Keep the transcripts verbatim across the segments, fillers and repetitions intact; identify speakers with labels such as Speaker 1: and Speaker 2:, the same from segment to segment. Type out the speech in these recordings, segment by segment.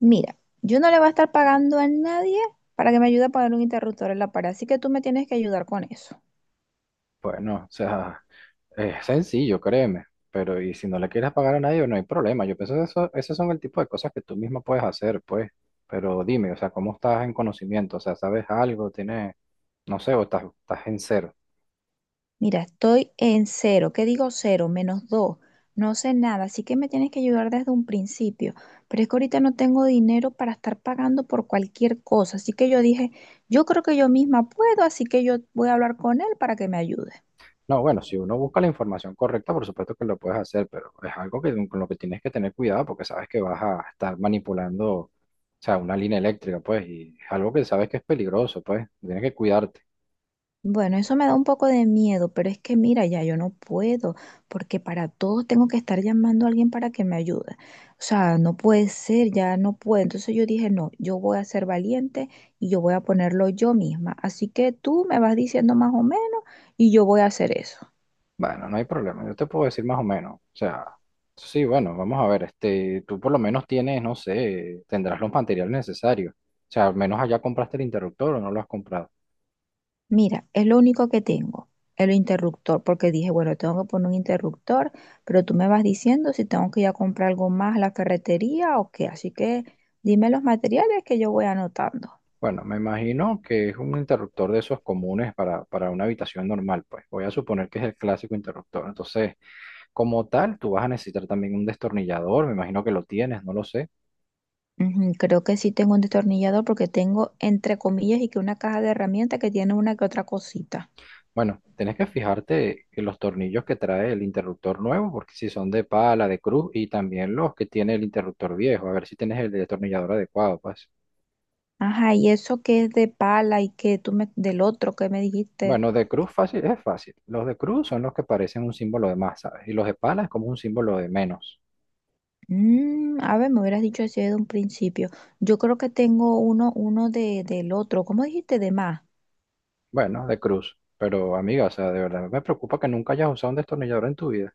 Speaker 1: Mira, yo no le voy a estar pagando a nadie para que me ayude a pagar un interruptor en la pared, así que tú me tienes que ayudar con eso.
Speaker 2: Bueno, o sea, es sencillo, créeme, pero y si no le quieres pagar a nadie, no hay problema. Yo pienso que eso, esos son el tipo de cosas que tú misma puedes hacer, pues. Pero dime, o sea, ¿cómo estás en conocimiento? O sea, ¿sabes algo? ¿Tienes, no sé, o estás, estás en cero?
Speaker 1: Mira, estoy en cero. ¿Qué digo cero? Menos dos. No sé nada, así que me tienes que ayudar desde un principio. Pero es que ahorita no tengo dinero para estar pagando por cualquier cosa, así que yo dije, yo creo que yo misma puedo, así que yo voy a hablar con él para que me ayude.
Speaker 2: No, bueno, si uno busca la información correcta, por supuesto que lo puedes hacer, pero es algo que, con lo que tienes que tener cuidado porque sabes que vas a estar manipulando, o sea, una línea eléctrica, pues, y es algo que sabes que es peligroso, pues, tienes que cuidarte.
Speaker 1: Bueno, eso me da un poco de miedo, pero es que mira, ya yo no puedo, porque para todo tengo que estar llamando a alguien para que me ayude. O sea, no puede ser, ya no puedo. Entonces yo dije, no, yo voy a ser valiente y yo voy a ponerlo yo misma. Así que tú me vas diciendo más o menos y yo voy a hacer eso.
Speaker 2: Bueno, no hay problema, yo te puedo decir más o menos. O sea, sí, bueno, vamos a ver, este, tú por lo menos tienes, no sé, tendrás los materiales necesarios. O sea, al menos allá compraste el interruptor o no lo has comprado.
Speaker 1: Mira, es lo único que tengo, el interruptor, porque dije, bueno, tengo que poner un interruptor, pero tú me vas diciendo si tengo que ir a comprar algo más a la ferretería o qué. Así que dime los materiales que yo voy anotando.
Speaker 2: Bueno, me imagino que es un interruptor de esos comunes para, para una habitación normal, pues. Voy a suponer que es el clásico interruptor. Entonces, como tal, tú vas a necesitar también un destornillador, me imagino que lo tienes, no lo sé.
Speaker 1: Ujú, creo que sí tengo un destornillador porque tengo, entre comillas, y que una caja de herramientas que tiene una que otra cosita.
Speaker 2: Bueno, tenés que fijarte en los tornillos que trae el interruptor nuevo, porque si son de pala, de cruz, y también los que tiene el interruptor viejo, a ver si tienes el destornillador adecuado, pues.
Speaker 1: Ajá, y eso que es de pala y que tú me, del otro que me dijiste.
Speaker 2: Bueno, de cruz fácil, es fácil. Los de cruz son los que parecen un símbolo de más, ¿sabes? Y los de pala es como un símbolo de menos.
Speaker 1: Mm, a ver, me hubieras dicho así de un principio. Yo creo que tengo uno, uno de, del otro. ¿Cómo dijiste de más?
Speaker 2: Bueno, de cruz. Pero amiga, o sea, de verdad me preocupa que nunca hayas usado un destornillador en tu vida.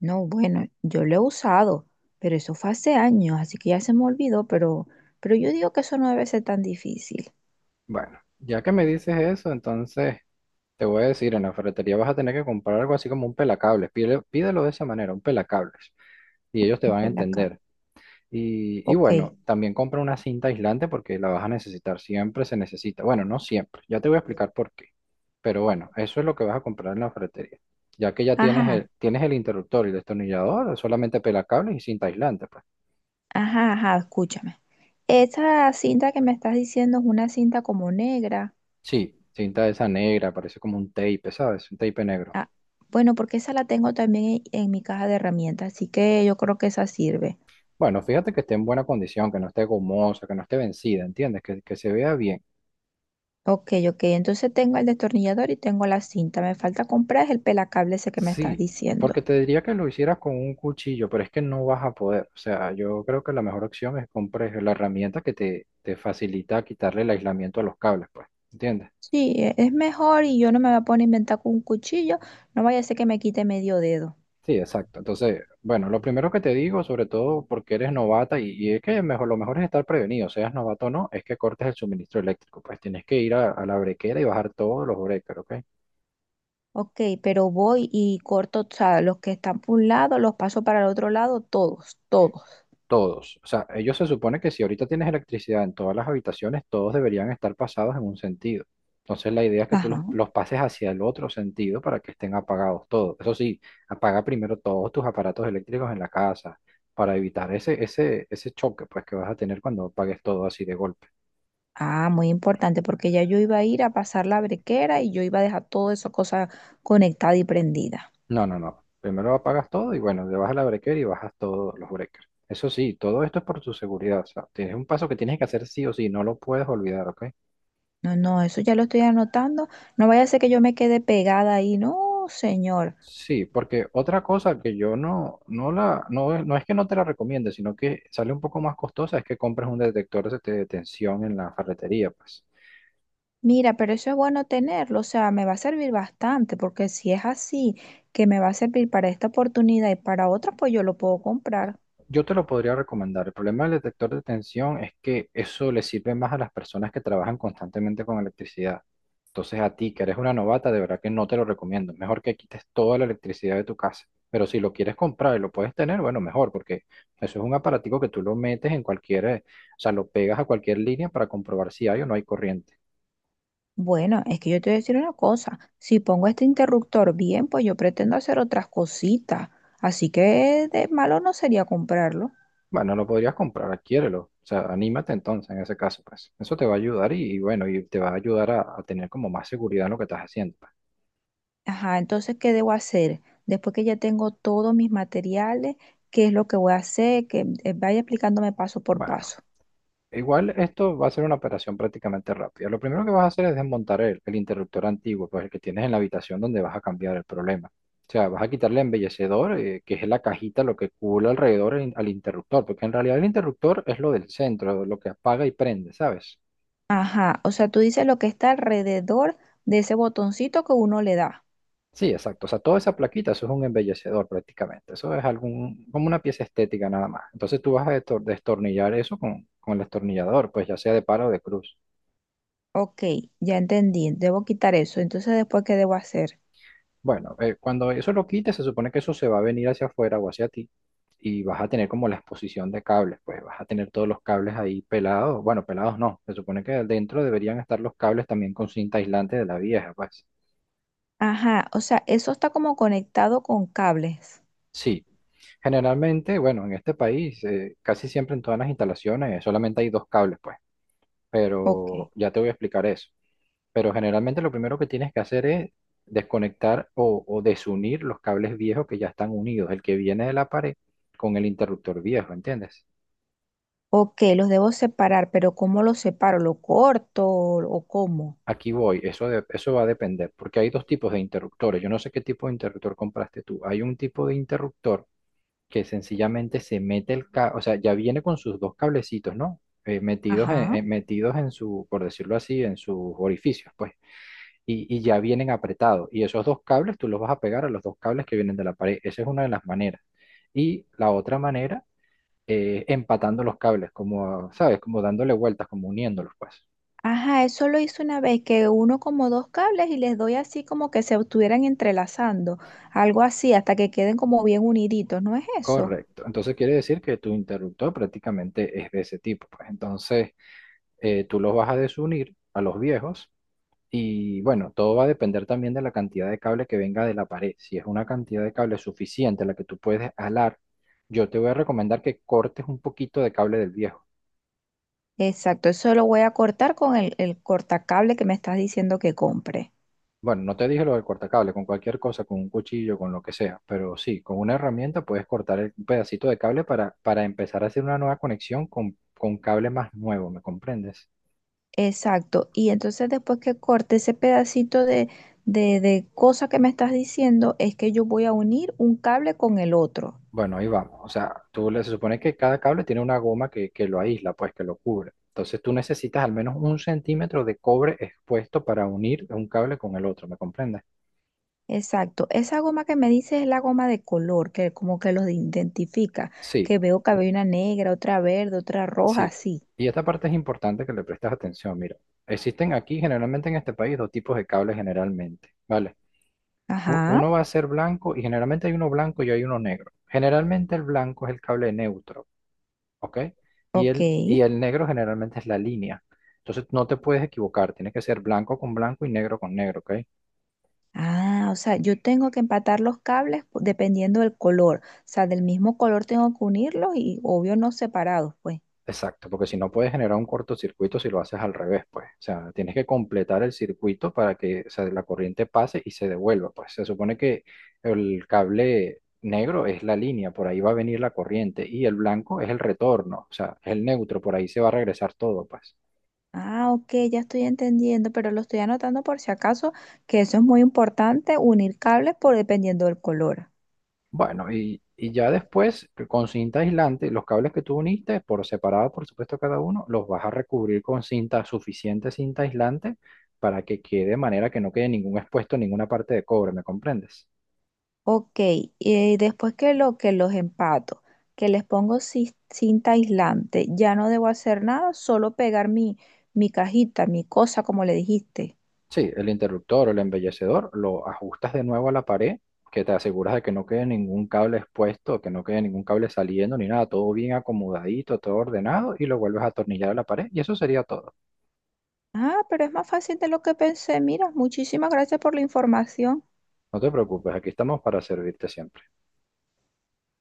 Speaker 1: No, bueno, yo lo he usado, pero eso fue hace años, así que ya se me olvidó, pero, pero yo digo que eso no debe ser tan difícil.
Speaker 2: Bueno, ya que me dices eso, entonces te voy a decir, en la ferretería vas a tener que comprar algo así como un pelacables. Pide- pídelo de esa manera, un pelacables. Y ellos te
Speaker 1: Ok,
Speaker 2: van a
Speaker 1: la
Speaker 2: entender. Y, y bueno,
Speaker 1: ok.
Speaker 2: también compra una cinta aislante porque la vas a necesitar, siempre se necesita. Bueno, no siempre, ya te voy a explicar por qué. Pero bueno, eso es lo que vas a comprar en la ferretería. Ya que ya tienes
Speaker 1: Ajá,
Speaker 2: el, tienes el interruptor y el destornillador, solamente pelacables y cinta aislante, pues.
Speaker 1: ajá, ajá, escúchame. Esa cinta que me estás diciendo es una cinta como negra.
Speaker 2: Sí, cinta esa negra, parece como un tape, ¿sabes? Un tape negro.
Speaker 1: Ah, bueno, porque esa la tengo también en, en mi caja de herramientas, así que yo creo que esa sirve.
Speaker 2: Bueno, fíjate que esté en buena condición, que no esté gomosa, que no esté vencida, ¿entiendes? Que, que se vea bien.
Speaker 1: Ok, ok, entonces tengo el destornillador y tengo la cinta. Me falta comprar es el pelacable ese que me estás
Speaker 2: Sí, porque
Speaker 1: diciendo.
Speaker 2: te diría que lo hicieras con un cuchillo, pero es que no vas a poder. O sea, yo creo que la mejor opción es compres la herramienta que te, te facilita quitarle el aislamiento a los cables, pues. ¿Entiendes?
Speaker 1: Sí, e- es mejor y yo no me voy a poner a inventar con un cuchillo, no vaya a ser que me quite medio dedo.
Speaker 2: Sí, exacto. Entonces, bueno, lo primero que te digo, sobre todo porque eres novata y, y es que mejor, lo mejor es estar prevenido, seas novato o no, es que cortes el suministro eléctrico. Pues tienes que ir a, a la brequera y bajar todos los breakers, ¿ok?
Speaker 1: Ok, pero voy y corto, o sea, los que están por un lado, los paso para el otro lado, todos, todos.
Speaker 2: Todos. O sea, ellos se supone que si ahorita tienes electricidad en todas las habitaciones, todos deberían estar pasados en un sentido. Entonces la idea es que tú los,
Speaker 1: Ajá.
Speaker 2: los pases hacia el otro sentido para que estén apagados todos. Eso sí, apaga primero todos tus aparatos eléctricos en la casa para evitar ese, ese, ese choque pues, que vas a tener cuando apagues todo así de golpe.
Speaker 1: Ah, muy importante, porque ya yo iba a ir a pasar la brequera y yo iba a dejar toda esa cosa conectada y prendida.
Speaker 2: No, no, no. Primero apagas todo y bueno, le vas a la breaker y bajas todos los breakers. Eso sí, todo esto es por tu seguridad. O sea, tienes un paso que tienes que hacer sí o sí, no lo puedes olvidar, ¿ok?
Speaker 1: No, no, eso ya lo estoy anotando. No vaya a ser que yo me quede pegada ahí. No, señor.
Speaker 2: Sí, porque otra cosa que yo no, no la, no, es- no es que no te la recomiende, sino que sale un poco más costosa, es que compres un detector de de tensión en la ferretería, pues.
Speaker 1: Mira, pero eso es bueno tenerlo, o sea, me va a servir bastante, porque si es así, que me va a servir para esta oportunidad y para otras, pues yo lo puedo comprar.
Speaker 2: Yo te lo podría recomendar. El problema del detector de tensión es que eso le sirve más a las personas que trabajan constantemente con electricidad. Entonces a ti que eres una novata, de verdad que no te lo recomiendo. Mejor que quites toda la electricidad de tu casa. Pero si lo quieres comprar y lo puedes tener, bueno, mejor, porque eso es un aparatico que tú lo metes en cualquier, eh, o sea, lo pegas a cualquier línea para comprobar si hay o no hay corriente.
Speaker 1: Bueno, es que yo te voy a decir una cosa, si pongo este interruptor bien, pues yo pretendo hacer otras cositas, así que de malo no sería comprarlo.
Speaker 2: Bueno, lo podrías comprar, adquiérelo. O sea, anímate entonces en ese caso, pues. Eso te va a ayudar y, y bueno, y te va a ayudar a, a tener como más seguridad en lo que estás haciendo, pues.
Speaker 1: Ajá, entonces, ¿qué debo hacer? Después que ya tengo todos mis materiales, ¿qué es lo que voy a hacer? Que eh, vaya explicándome paso por
Speaker 2: Bueno.
Speaker 1: paso.
Speaker 2: Igual esto va a ser una operación prácticamente rápida. Lo primero que vas a hacer es desmontar el, el interruptor antiguo, pues el que tienes en la habitación donde vas a cambiar el problema. O sea, vas a quitarle el embellecedor, eh, que es la cajita, lo que cubre alrededor en- al interruptor, porque en realidad el interruptor es lo del centro, lo que apaga y prende, ¿sabes?
Speaker 1: Ajá, o sea, tú dices lo que está alrededor de ese botoncito que uno le da.
Speaker 2: Sí, exacto. O sea, toda esa plaquita, eso es un embellecedor prácticamente. Eso es algún, como una pieza estética nada más. Entonces tú vas a destor- destornillar eso con, con el destornillador, pues ya sea de pala o de cruz.
Speaker 1: Ok, ya entendí, debo quitar eso. Entonces, después, ¿qué debo hacer?
Speaker 2: Bueno, eh, cuando eso lo quites, se supone que eso se va a venir hacia afuera o hacia ti y vas a tener como la exposición de cables, pues vas a tener todos los cables ahí pelados. Bueno, pelados no, se supone que dentro deberían estar los cables también con cinta aislante de la vieja, pues.
Speaker 1: Ajá, o sea, eso está como conectado con cables.
Speaker 2: Sí, generalmente, bueno, en este país, eh, casi siempre en todas las instalaciones eh, solamente hay dos cables, pues,
Speaker 1: Ok,
Speaker 2: pero ya te voy a explicar eso. Pero generalmente lo primero que tienes que hacer es desconectar o, o desunir los cables viejos que ya están unidos, el que viene de la pared con el interruptor viejo, ¿entiendes?
Speaker 1: ok, los debo separar, pero ¿cómo los separo? ¿Lo corto o cómo?
Speaker 2: Aquí voy, eso, de- eso va a depender, porque hay dos tipos de interruptores. Yo no sé qué tipo de interruptor compraste tú. Hay un tipo de interruptor que sencillamente se mete el cable, o sea, ya viene con sus dos cablecitos, ¿no? Eh, metidos en,
Speaker 1: Ajá.
Speaker 2: en- metidos en su, por decirlo así, en sus orificios, pues. y, y ya vienen apretados. Y esos dos cables tú los vas a pegar a los dos cables que vienen de la pared. Esa es una de las maneras. Y la otra manera, eh, empatando los cables, como, ¿sabes? Como dándole vueltas, como uniéndolos, pues.
Speaker 1: Ajá, eso lo hice una vez que uno como dos cables y les doy así como que se estuvieran entrelazando, algo así, hasta que queden como bien uniditos, ¿no es eso?
Speaker 2: Correcto. Entonces quiere decir que tu interruptor prácticamente es de ese tipo, pues. Entonces eh, tú los vas a desunir a los viejos. Y bueno, todo va a depender también de la cantidad de cable que venga de la pared. Si es una cantidad de cable suficiente la que tú puedes alar, yo te voy a recomendar que cortes un poquito de cable del viejo.
Speaker 1: Exacto, eso lo voy a cortar con el, el cortacable que me estás diciendo que compre.
Speaker 2: Bueno, no te dije lo del cortacable, con cualquier cosa, con un cuchillo, con lo que sea, pero sí, con una herramienta puedes cortar el- un pedacito de cable para, para empezar a hacer una nueva conexión con, con cable más nuevo, ¿me comprendes?
Speaker 1: Exacto, y entonces después que corte ese pedacito de, de, de cosa que me estás diciendo, es que yo voy a unir un cable con el otro.
Speaker 2: Bueno, ahí vamos. O sea, tú le- se supone que cada cable tiene una goma que, que lo aísla, pues que lo cubre. Entonces tú necesitas al menos un centímetro de cobre expuesto para unir un cable con el otro, ¿me comprendes?
Speaker 1: Exacto, esa goma que me dices es la goma de color, que como que los identifica,
Speaker 2: Sí,
Speaker 1: que veo que había una negra, otra verde, otra roja,
Speaker 2: sí.
Speaker 1: así.
Speaker 2: Y esta parte es importante que le prestes atención, mira. Existen aquí generalmente en este país dos tipos de cables generalmente, ¿vale? u-
Speaker 1: Ajá,
Speaker 2: Uno va a ser blanco y generalmente hay uno blanco y hay uno negro. Generalmente el blanco es el cable neutro, ¿ok? Y
Speaker 1: ok.
Speaker 2: el, y el negro generalmente es la línea. Entonces no te puedes equivocar, tiene que ser blanco con blanco y negro con negro, ¿ok?
Speaker 1: Ah, o sea, yo tengo que empatar los cables pu- dependiendo del color, o sea, del mismo color tengo que unirlos y obvio no separados, pues.
Speaker 2: Exacto, porque si no puedes generar un cortocircuito si lo haces al revés, pues. O sea, tienes que completar el circuito para que, o sea, la corriente pase y se devuelva, pues. Se supone que el cable negro es la línea, por ahí va a venir la corriente, y el blanco es el retorno, o sea, es el neutro, por ahí se va a regresar todo, pues.
Speaker 1: Ah, ok, ya estoy entendiendo, pero lo estoy anotando por si acaso, que eso es muy importante, unir cables por dependiendo del color.
Speaker 2: Bueno, y, y ya después, que con cinta aislante, los cables que tú uniste, por separado, por supuesto, cada uno, los vas a recubrir con cinta, suficiente cinta aislante, para que quede de manera que no quede ningún expuesto, ninguna parte de cobre, ¿me comprendes?
Speaker 1: Ok, y después que lo que los empato, que les pongo ci- cinta aislante, ya no debo hacer nada, solo pegar mi, mi cajita, mi cosa, como le dijiste.
Speaker 2: Sí, el interruptor o el embellecedor lo ajustas de nuevo a la pared, que te aseguras de que no quede ningún cable expuesto, que no quede ningún cable saliendo ni nada, todo bien acomodadito, todo ordenado, y lo vuelves a atornillar a la pared, y eso sería todo.
Speaker 1: Ah, pero es más fácil de lo que pensé. Mira, muchísimas gracias por la información.
Speaker 2: No te preocupes, aquí estamos para servirte siempre.